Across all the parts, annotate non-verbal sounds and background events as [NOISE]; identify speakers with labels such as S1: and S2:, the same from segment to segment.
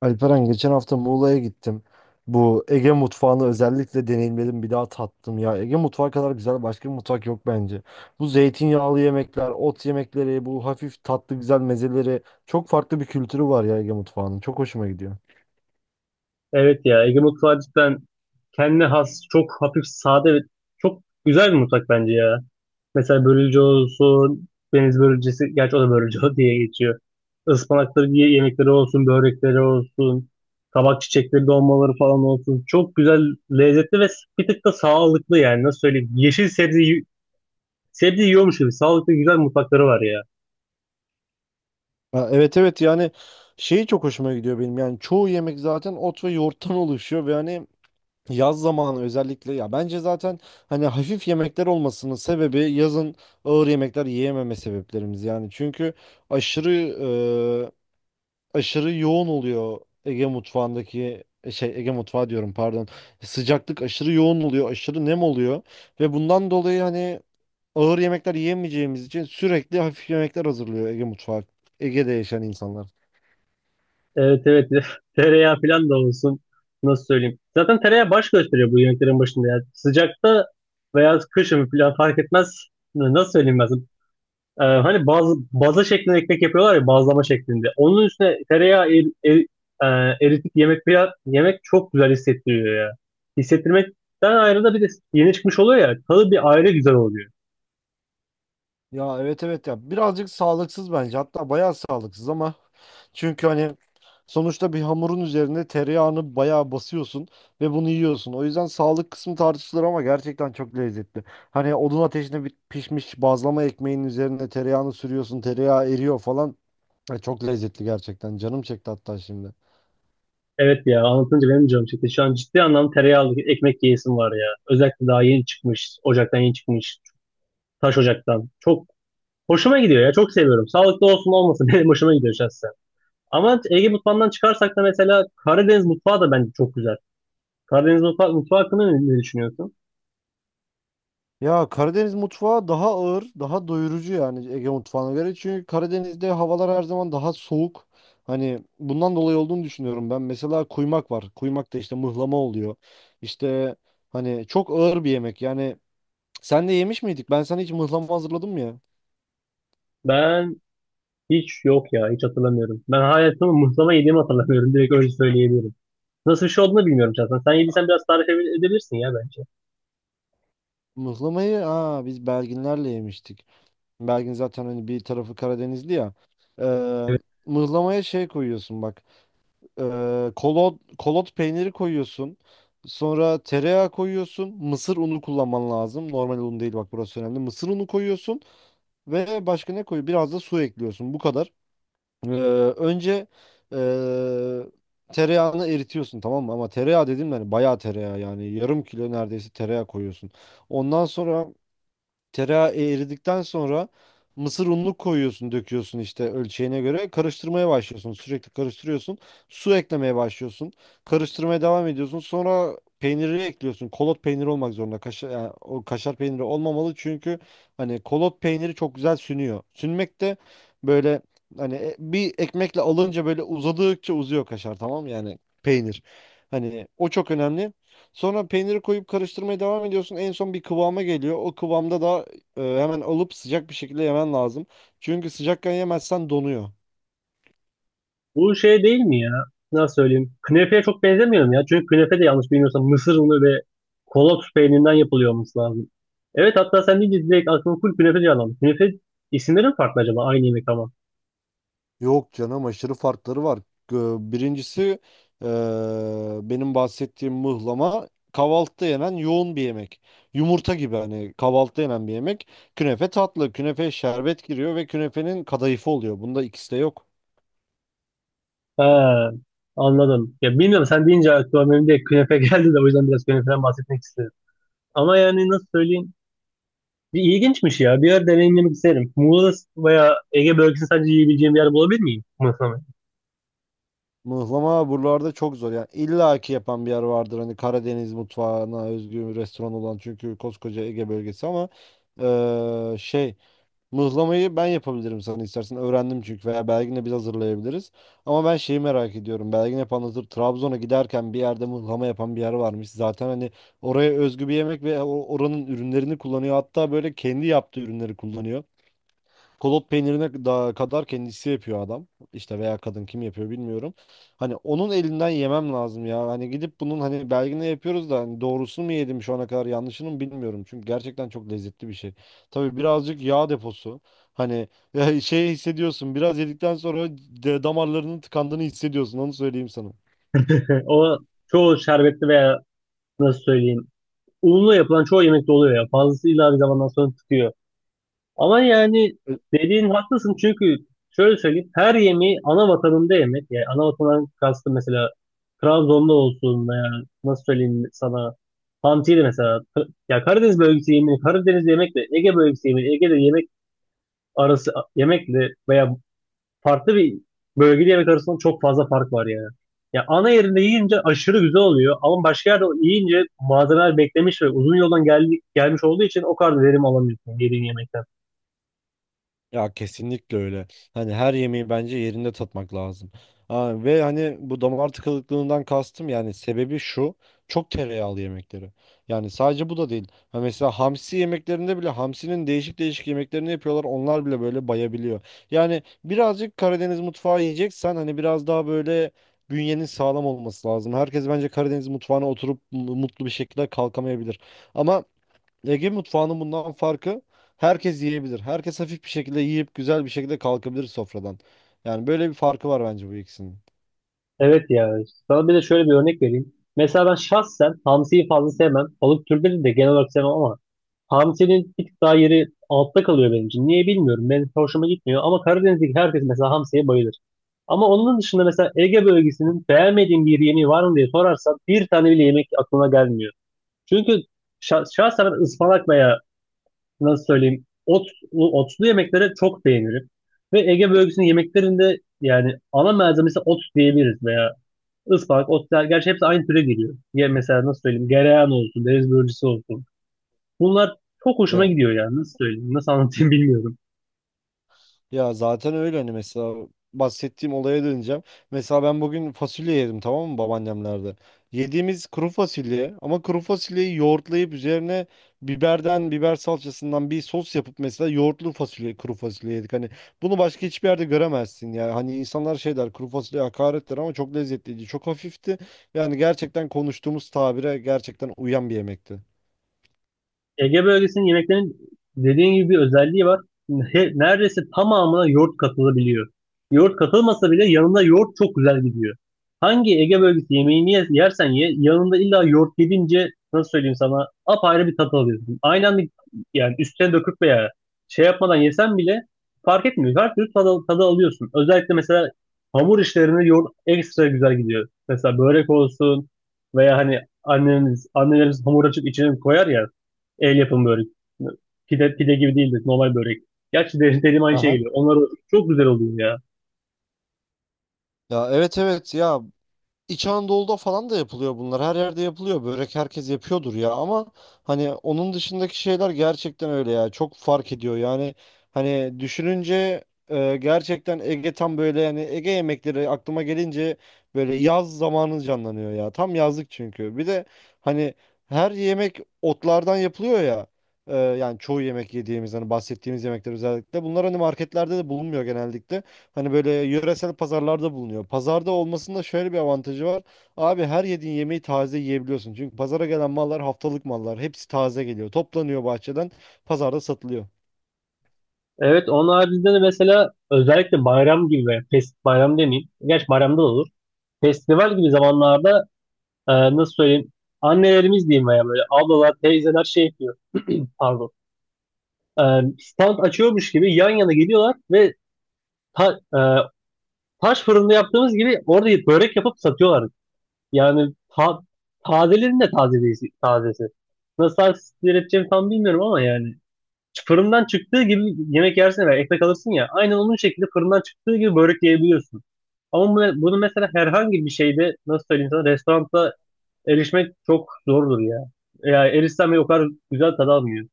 S1: Alperen geçen hafta Muğla'ya gittim. Bu Ege mutfağını özellikle deneyimledim, bir daha tattım ya. Ege mutfağı kadar güzel başka bir mutfak yok bence. Bu zeytinyağlı yemekler, ot yemekleri, bu hafif tatlı güzel mezeleri çok farklı bir kültürü var ya Ege mutfağının. Çok hoşuma gidiyor.
S2: Evet ya Ege mutfağı cidden kendine has çok hafif sade ve çok güzel bir mutfak bence ya. Mesela börülce olsun, deniz börülcesi, gerçi o da börülce [LAUGHS] diye geçiyor. Ispanakları diye yemekleri olsun, börekleri olsun, kabak çiçekleri dolmaları falan olsun. Çok güzel, lezzetli ve bir tık da sağlıklı yani nasıl söyleyeyim. Yeşil sebze, sebze yiyormuş gibi sağlıklı güzel mutfakları var ya.
S1: Ha, evet, evet, yani şeyi çok hoşuma gidiyor benim. Yani çoğu yemek zaten ot ve yoğurttan [LAUGHS] oluşuyor ve hani yaz zamanı özellikle ya bence zaten hani hafif yemekler olmasının sebebi yazın ağır yemekler yiyememe sebeplerimiz yani. Çünkü aşırı aşırı yoğun oluyor Ege mutfağındaki şey, Ege mutfağı diyorum pardon. Sıcaklık aşırı yoğun oluyor, aşırı nem oluyor ve bundan dolayı hani ağır yemekler yiyemeyeceğimiz için sürekli hafif yemekler hazırlıyor Ege mutfağı. Ege'de yaşayan insanlar.
S2: Evet, evet, [LAUGHS] tereyağı falan da olsun nasıl söyleyeyim. Zaten tereyağı baş gösteriyor bu yemeklerin başında ya. Sıcakta veya kışın falan fark etmez. Nasıl söyleyeyim ben sana? Hani bazı baza şeklinde ekmek yapıyorlar ya bazlama şeklinde. Onun üstüne tereyağı eritip yemek falan, yemek çok güzel hissettiriyor ya. Hissettirmekten ayrı da bir de yeni çıkmış oluyor ya, tadı bir ayrı güzel oluyor.
S1: Ya evet evet ya birazcık sağlıksız bence hatta bayağı sağlıksız ama çünkü hani sonuçta bir hamurun üzerinde tereyağını bayağı basıyorsun ve bunu yiyorsun. O yüzden sağlık kısmı tartışılır ama gerçekten çok lezzetli. Hani odun ateşinde bir pişmiş bazlama ekmeğin üzerine tereyağını sürüyorsun, tereyağı eriyor falan. Ya çok lezzetli gerçekten, canım çekti hatta şimdi.
S2: Evet ya anlatınca benim de canım çekti. Şu an ciddi anlamda tereyağlı ekmek yiyesim var ya. Özellikle daha yeni çıkmış. Ocaktan yeni çıkmış. Taş ocaktan. Çok hoşuma gidiyor ya. Çok seviyorum. Sağlıklı olsun olmasın [LAUGHS] benim hoşuma gidiyor şahsen. Ama Ege mutfağından çıkarsak da mesela Karadeniz mutfağı da bence çok güzel. Karadeniz mutfağı hakkında ne düşünüyorsun?
S1: Ya Karadeniz mutfağı daha ağır, daha doyurucu yani Ege mutfağına göre. Çünkü Karadeniz'de havalar her zaman daha soğuk. Hani bundan dolayı olduğunu düşünüyorum ben. Mesela kuymak var. Kuymak da işte mıhlama oluyor. İşte hani çok ağır bir yemek. Yani sen de yemiş miydik? Ben sana hiç mıhlama hazırladım ya.
S2: Ben hiç yok ya. Hiç hatırlamıyorum. Ben hayatımı muhlama yediğimi hatırlamıyorum. Direkt öyle söyleyebilirim. Nasıl bir şey olduğunu bilmiyorum şahsen. Sen yediysen biraz tarif edebilirsin ya bence.
S1: Mıhlamayı biz Belginlerle yemiştik. Belgin zaten hani bir tarafı Karadenizli ya. Ee, mıhlamaya şey koyuyorsun bak. Kolot peyniri koyuyorsun. Sonra tereyağı koyuyorsun. Mısır unu kullanman lazım. Normal un değil, bak burası önemli. Mısır unu koyuyorsun ve başka ne koyuyorsun? Biraz da su ekliyorsun. Bu kadar. Ee, önce ee, tereyağını eritiyorsun, tamam mı? Ama tereyağı dedim yani bayağı tereyağı, yani yarım kilo neredeyse tereyağı koyuyorsun. Ondan sonra Tereyağı eridikten sonra mısır ununu koyuyorsun, döküyorsun işte ölçeğine göre. Karıştırmaya başlıyorsun. Sürekli karıştırıyorsun. Su eklemeye başlıyorsun. Karıştırmaya devam ediyorsun. Sonra peyniri ekliyorsun. Kolot peyniri olmak zorunda. Kaşar, yani o kaşar peyniri olmamalı çünkü hani kolot peyniri çok güzel sünüyor. Sünmek de böyle hani bir ekmekle alınca böyle uzadıkça uzuyor kaşar, tamam mı? Yani peynir. Hani o çok önemli. Sonra peyniri koyup karıştırmaya devam ediyorsun. En son bir kıvama geliyor. O kıvamda da hemen alıp sıcak bir şekilde yemen lazım. Çünkü sıcakken yemezsen donuyor.
S2: Bu şey değil mi ya? Nasıl söyleyeyim? Künefeye çok benzemiyor mu ya? Çünkü künefe de yanlış bilmiyorsam mısır unu ve kolot peynirinden yapılıyor olması lazım. Evet, hatta sen deyince direkt aklıma full künefe canlandı. Künefe isimleri mi farklı acaba? Aynı yemek ama.
S1: Yok canım, aşırı farkları var. Birincisi e, benim bahsettiğim mıhlama kahvaltıda yenen yoğun bir yemek. Yumurta gibi, hani kahvaltıda yenen bir yemek. Künefe tatlı, künefeye şerbet giriyor ve künefenin kadayıfı oluyor. Bunda ikisi de yok.
S2: Ha, anladım. Ya bilmiyorum sen deyince aklıma benim de künefe [LAUGHS] geldi de o yüzden biraz künefeden bahsetmek istedim. Ama yani nasıl söyleyeyim? Bir ilginçmiş ya. Bir yer deneyimlemek isterim. Muğla veya Ege bölgesini sadece yiyebileceğim bir yer bulabilir miyim? Mısır mı?
S1: Mıhlama buralarda çok zor. Yani illa ki yapan bir yer vardır. Hani Karadeniz mutfağına özgü bir restoran olan, çünkü koskoca Ege bölgesi ama şey, mıhlamayı ben yapabilirim sana istersen. Öğrendim çünkü, veya Belgin'le biz hazırlayabiliriz. Ama ben şeyi merak ediyorum. Belgin hep anlatır. Trabzon'a giderken bir yerde mıhlama yapan bir yer varmış. Zaten hani oraya özgü bir yemek ve oranın ürünlerini kullanıyor. Hatta böyle kendi yaptığı ürünleri kullanıyor. Kolot peynirine da kadar kendisi yapıyor adam. İşte veya kadın, kim yapıyor bilmiyorum. Hani onun elinden yemem lazım ya. Hani gidip bunun hani belgini yapıyoruz da hani doğrusunu mu yedim şu ana kadar yanlışını mı, bilmiyorum. Çünkü gerçekten çok lezzetli bir şey. Tabii birazcık yağ deposu. Hani [LAUGHS] şey hissediyorsun. Biraz yedikten sonra damarlarının tıkandığını hissediyorsun. Onu söyleyeyim sana.
S2: [LAUGHS] O çoğu şerbetli veya nasıl söyleyeyim unla yapılan çoğu yemekte oluyor ya. Fazlasıyla bir zamandan sonra tutuyor. Ama yani dediğin haklısın çünkü şöyle söyleyeyim her yemeği ana vatanında yemek. Yani ana vatanından kastım mesela Trabzon'da olsun veya nasıl söyleyeyim sana Hamsi'de mesela ya Karadeniz bölgesi yemeği Karadeniz yemekle Ege bölgesi yemeği Ege'de yemek arası yemekle veya farklı bir bölgeli yemek arasında çok fazla fark var yani. Ya ana yerinde yiyince aşırı güzel oluyor ama başka yerde yiyince malzemeler beklemiş ve uzun yoldan geldi, gelmiş olduğu için o kadar verim alamıyorsun yediğin yemekten.
S1: Ya kesinlikle öyle. Hani her yemeği bence yerinde tatmak lazım. Ha, ve hani bu damar tıkanıklığından kastım, yani sebebi şu. Çok tereyağlı yemekleri. Yani sadece bu da değil. Ha mesela hamsi yemeklerinde bile hamsinin değişik değişik yemeklerini yapıyorlar. Onlar bile böyle bayabiliyor. Yani birazcık Karadeniz mutfağı yiyeceksen hani biraz daha böyle bünyenin sağlam olması lazım. Herkes bence Karadeniz mutfağına oturup mutlu bir şekilde kalkamayabilir. Ama Ege mutfağının bundan farkı, herkes yiyebilir. Herkes hafif bir şekilde yiyip güzel bir şekilde kalkabilir sofradan. Yani böyle bir farkı var bence bu ikisinin.
S2: Evet ya. Sana bir de şöyle bir örnek vereyim. Mesela ben şahsen hamsiyi fazla sevmem. Balık türleri de genel olarak sevmem ama Hamsi'nin bir tık daha yeri altta kalıyor benim için. Niye bilmiyorum. Benim hoşuma gitmiyor. Ama Karadeniz'deki herkes mesela hamsiye bayılır. Ama onun dışında mesela Ege bölgesinin beğenmediğim bir yemeği var mı diye sorarsan bir tane bile yemek aklına gelmiyor. Çünkü şahsen ben ıspanak veya nasıl söyleyeyim otlu yemekleri çok beğenirim. Ve Ege bölgesinin yemeklerinde yani ana malzemesi ot diyebiliriz veya ıspanak, otlar. Gerçi hepsi aynı türe giriyor. Ya mesela nasıl söyleyeyim gereyan olsun, deniz börülcesi olsun. Bunlar çok hoşuma gidiyor yani. Nasıl söyleyeyim, nasıl anlatayım bilmiyorum.
S1: Ya zaten öyle, hani mesela bahsettiğim olaya döneceğim. Mesela ben bugün fasulye yedim, tamam mı, babaannemlerde. Yediğimiz kuru fasulye ama kuru fasulyeyi yoğurtlayıp üzerine biberden, biber salçasından bir sos yapıp mesela yoğurtlu fasulye, kuru fasulye yedik. Hani bunu başka hiçbir yerde göremezsin ya. Hani insanlar şey der, kuru fasulye hakarettir, ama çok lezzetliydi, çok hafifti. Yani gerçekten konuştuğumuz tabire gerçekten uyan bir yemekti.
S2: Ege bölgesinin yemeklerinin dediğin gibi bir özelliği var. Neredeyse tamamına yoğurt katılabiliyor. Yoğurt katılmasa bile yanında yoğurt çok güzel gidiyor. Hangi Ege bölgesi yemeğini yersen ye, yanında illa yoğurt yedince nasıl söyleyeyim sana apayrı bir tat alıyorsun. Aynı anda yani üstüne döküp veya şey yapmadan yesen bile fark etmiyor. Her türlü tadı alıyorsun. Özellikle mesela hamur işlerinde yoğurt ekstra güzel gidiyor. Mesela börek olsun veya hani annemiz, annelerimiz hamur açıp içine koyar ya, el yapımı börek. Pide, pide gibi değildir. Normal börek. Gerçi de, dediğim aynı şey
S1: Aha.
S2: geliyor. Onlar çok güzel oluyor ya.
S1: Ya evet evet ya, İç Anadolu'da falan da yapılıyor bunlar. Her yerde yapılıyor. Börek herkes yapıyordur ya, ama hani onun dışındaki şeyler gerçekten öyle ya. Çok fark ediyor. Yani hani düşününce gerçekten Ege tam böyle, yani Ege yemekleri aklıma gelince böyle yaz zamanı canlanıyor ya. Tam yazlık çünkü. Bir de hani her yemek otlardan yapılıyor ya. Yani çoğu yemek yediğimiz hani bahsettiğimiz yemekler özellikle. Bunlar hani marketlerde de bulunmuyor genellikle. Hani böyle yöresel pazarlarda bulunuyor. Pazarda olmasının da şöyle bir avantajı var. Abi her yediğin yemeği taze yiyebiliyorsun. Çünkü pazara gelen mallar haftalık mallar. Hepsi taze geliyor. Toplanıyor bahçeden. Pazarda satılıyor.
S2: Evet onun haricinde de mesela özellikle bayram gibi veya bayram demeyeyim. Gerçi bayramda da olur. Festival gibi zamanlarda nasıl söyleyeyim annelerimiz diyeyim veya böyle ablalar, teyzeler şey yapıyor. [CLEARS THROAT] Pardon. E, Stand açıyormuş gibi yan yana geliyorlar ve ta- e, taş fırında yaptığımız gibi orada börek yapıp satıyorlar. Yani tazelerin de taze tazesi. Nasıl tarif edeceğimi tam bilmiyorum ama yani fırından çıktığı gibi yemek yersin ve ekmek alırsın ya aynen onun şekilde fırından çıktığı gibi börek yiyebiliyorsun. Ama bunu mesela herhangi bir şeyde nasıl söyleyeyim sana restoranda erişmek çok zordur ya. Yani erişsen bile o kadar güzel tadı almıyor.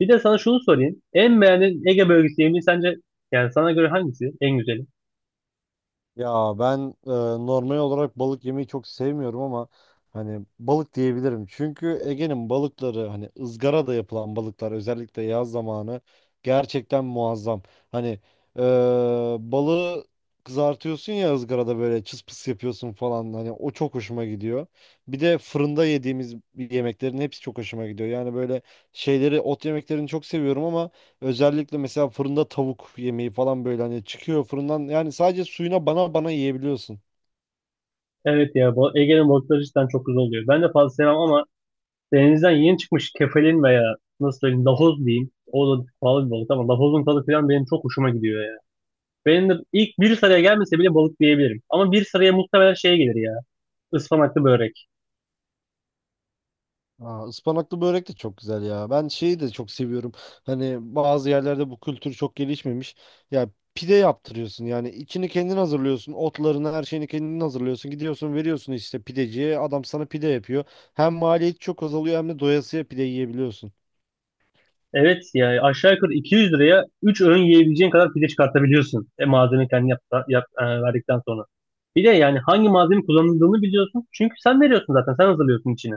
S2: Bir de sana şunu sorayım. En beğendiğin Ege bölgesi yemeği sence yani sana göre hangisi en güzeli?
S1: Ya ben e, normal olarak balık yemeyi çok sevmiyorum ama hani balık diyebilirim. Çünkü Ege'nin balıkları, hani ızgarada yapılan balıklar özellikle yaz zamanı, gerçekten muazzam. Hani e, balığı kızartıyorsun ya, ızgarada böyle çıs pıs yapıyorsun falan, hani o çok hoşuma gidiyor. Bir de fırında yediğimiz yemeklerin hepsi çok hoşuma gidiyor. Yani böyle şeyleri, ot yemeklerini çok seviyorum ama özellikle mesela fırında tavuk yemeği falan, böyle hani çıkıyor fırından, yani sadece suyuna bana bana yiyebiliyorsun.
S2: Evet ya bu Ege'nin balıkları cidden çok güzel oluyor. Ben de fazla sevmem ama denizden yeni çıkmış kefalin veya nasıl söyleyeyim lahoz diyeyim. O da pahalı bir balık ama lahozun tadı falan benim çok hoşuma gidiyor ya. Benim de ilk bir sıraya gelmese bile balık diyebilirim. Ama bir sıraya muhtemelen şey gelir ya. Ispanaklı börek.
S1: Aa, ıspanaklı börek de çok güzel ya. Ben şeyi de çok seviyorum. Hani bazı yerlerde bu kültür çok gelişmemiş. Ya pide yaptırıyorsun, yani içini kendin hazırlıyorsun. Otlarını, her şeyini kendin hazırlıyorsun. Gidiyorsun veriyorsun işte pideciye, adam sana pide yapıyor. Hem maliyet çok azalıyor hem de doyasıya pide yiyebiliyorsun.
S2: Evet ya aşağı yukarı 200 liraya 3 öğün yiyebileceğin kadar pide çıkartabiliyorsun. Malzeme kendi yap, verdikten sonra. Bir de yani hangi malzeme kullanıldığını biliyorsun. Çünkü sen veriyorsun zaten. Sen hazırlıyorsun içini.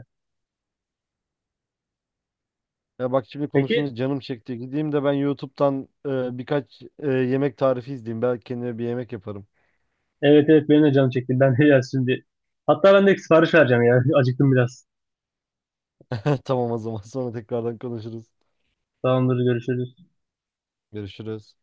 S1: Ya bak, şimdi
S2: Peki,
S1: konuşunca canım çekti. Gideyim de ben YouTube'dan birkaç yemek tarifi izleyeyim. Belki kendime bir yemek yaparım.
S2: evet, evet, benim de canım çekti. Ben de ya şimdi. Hatta ben de sipariş vereceğim ya. [LAUGHS] Acıktım biraz.
S1: [LAUGHS] Tamam, o zaman sonra tekrardan konuşuruz.
S2: Tamamdır görüşürüz.
S1: Görüşürüz.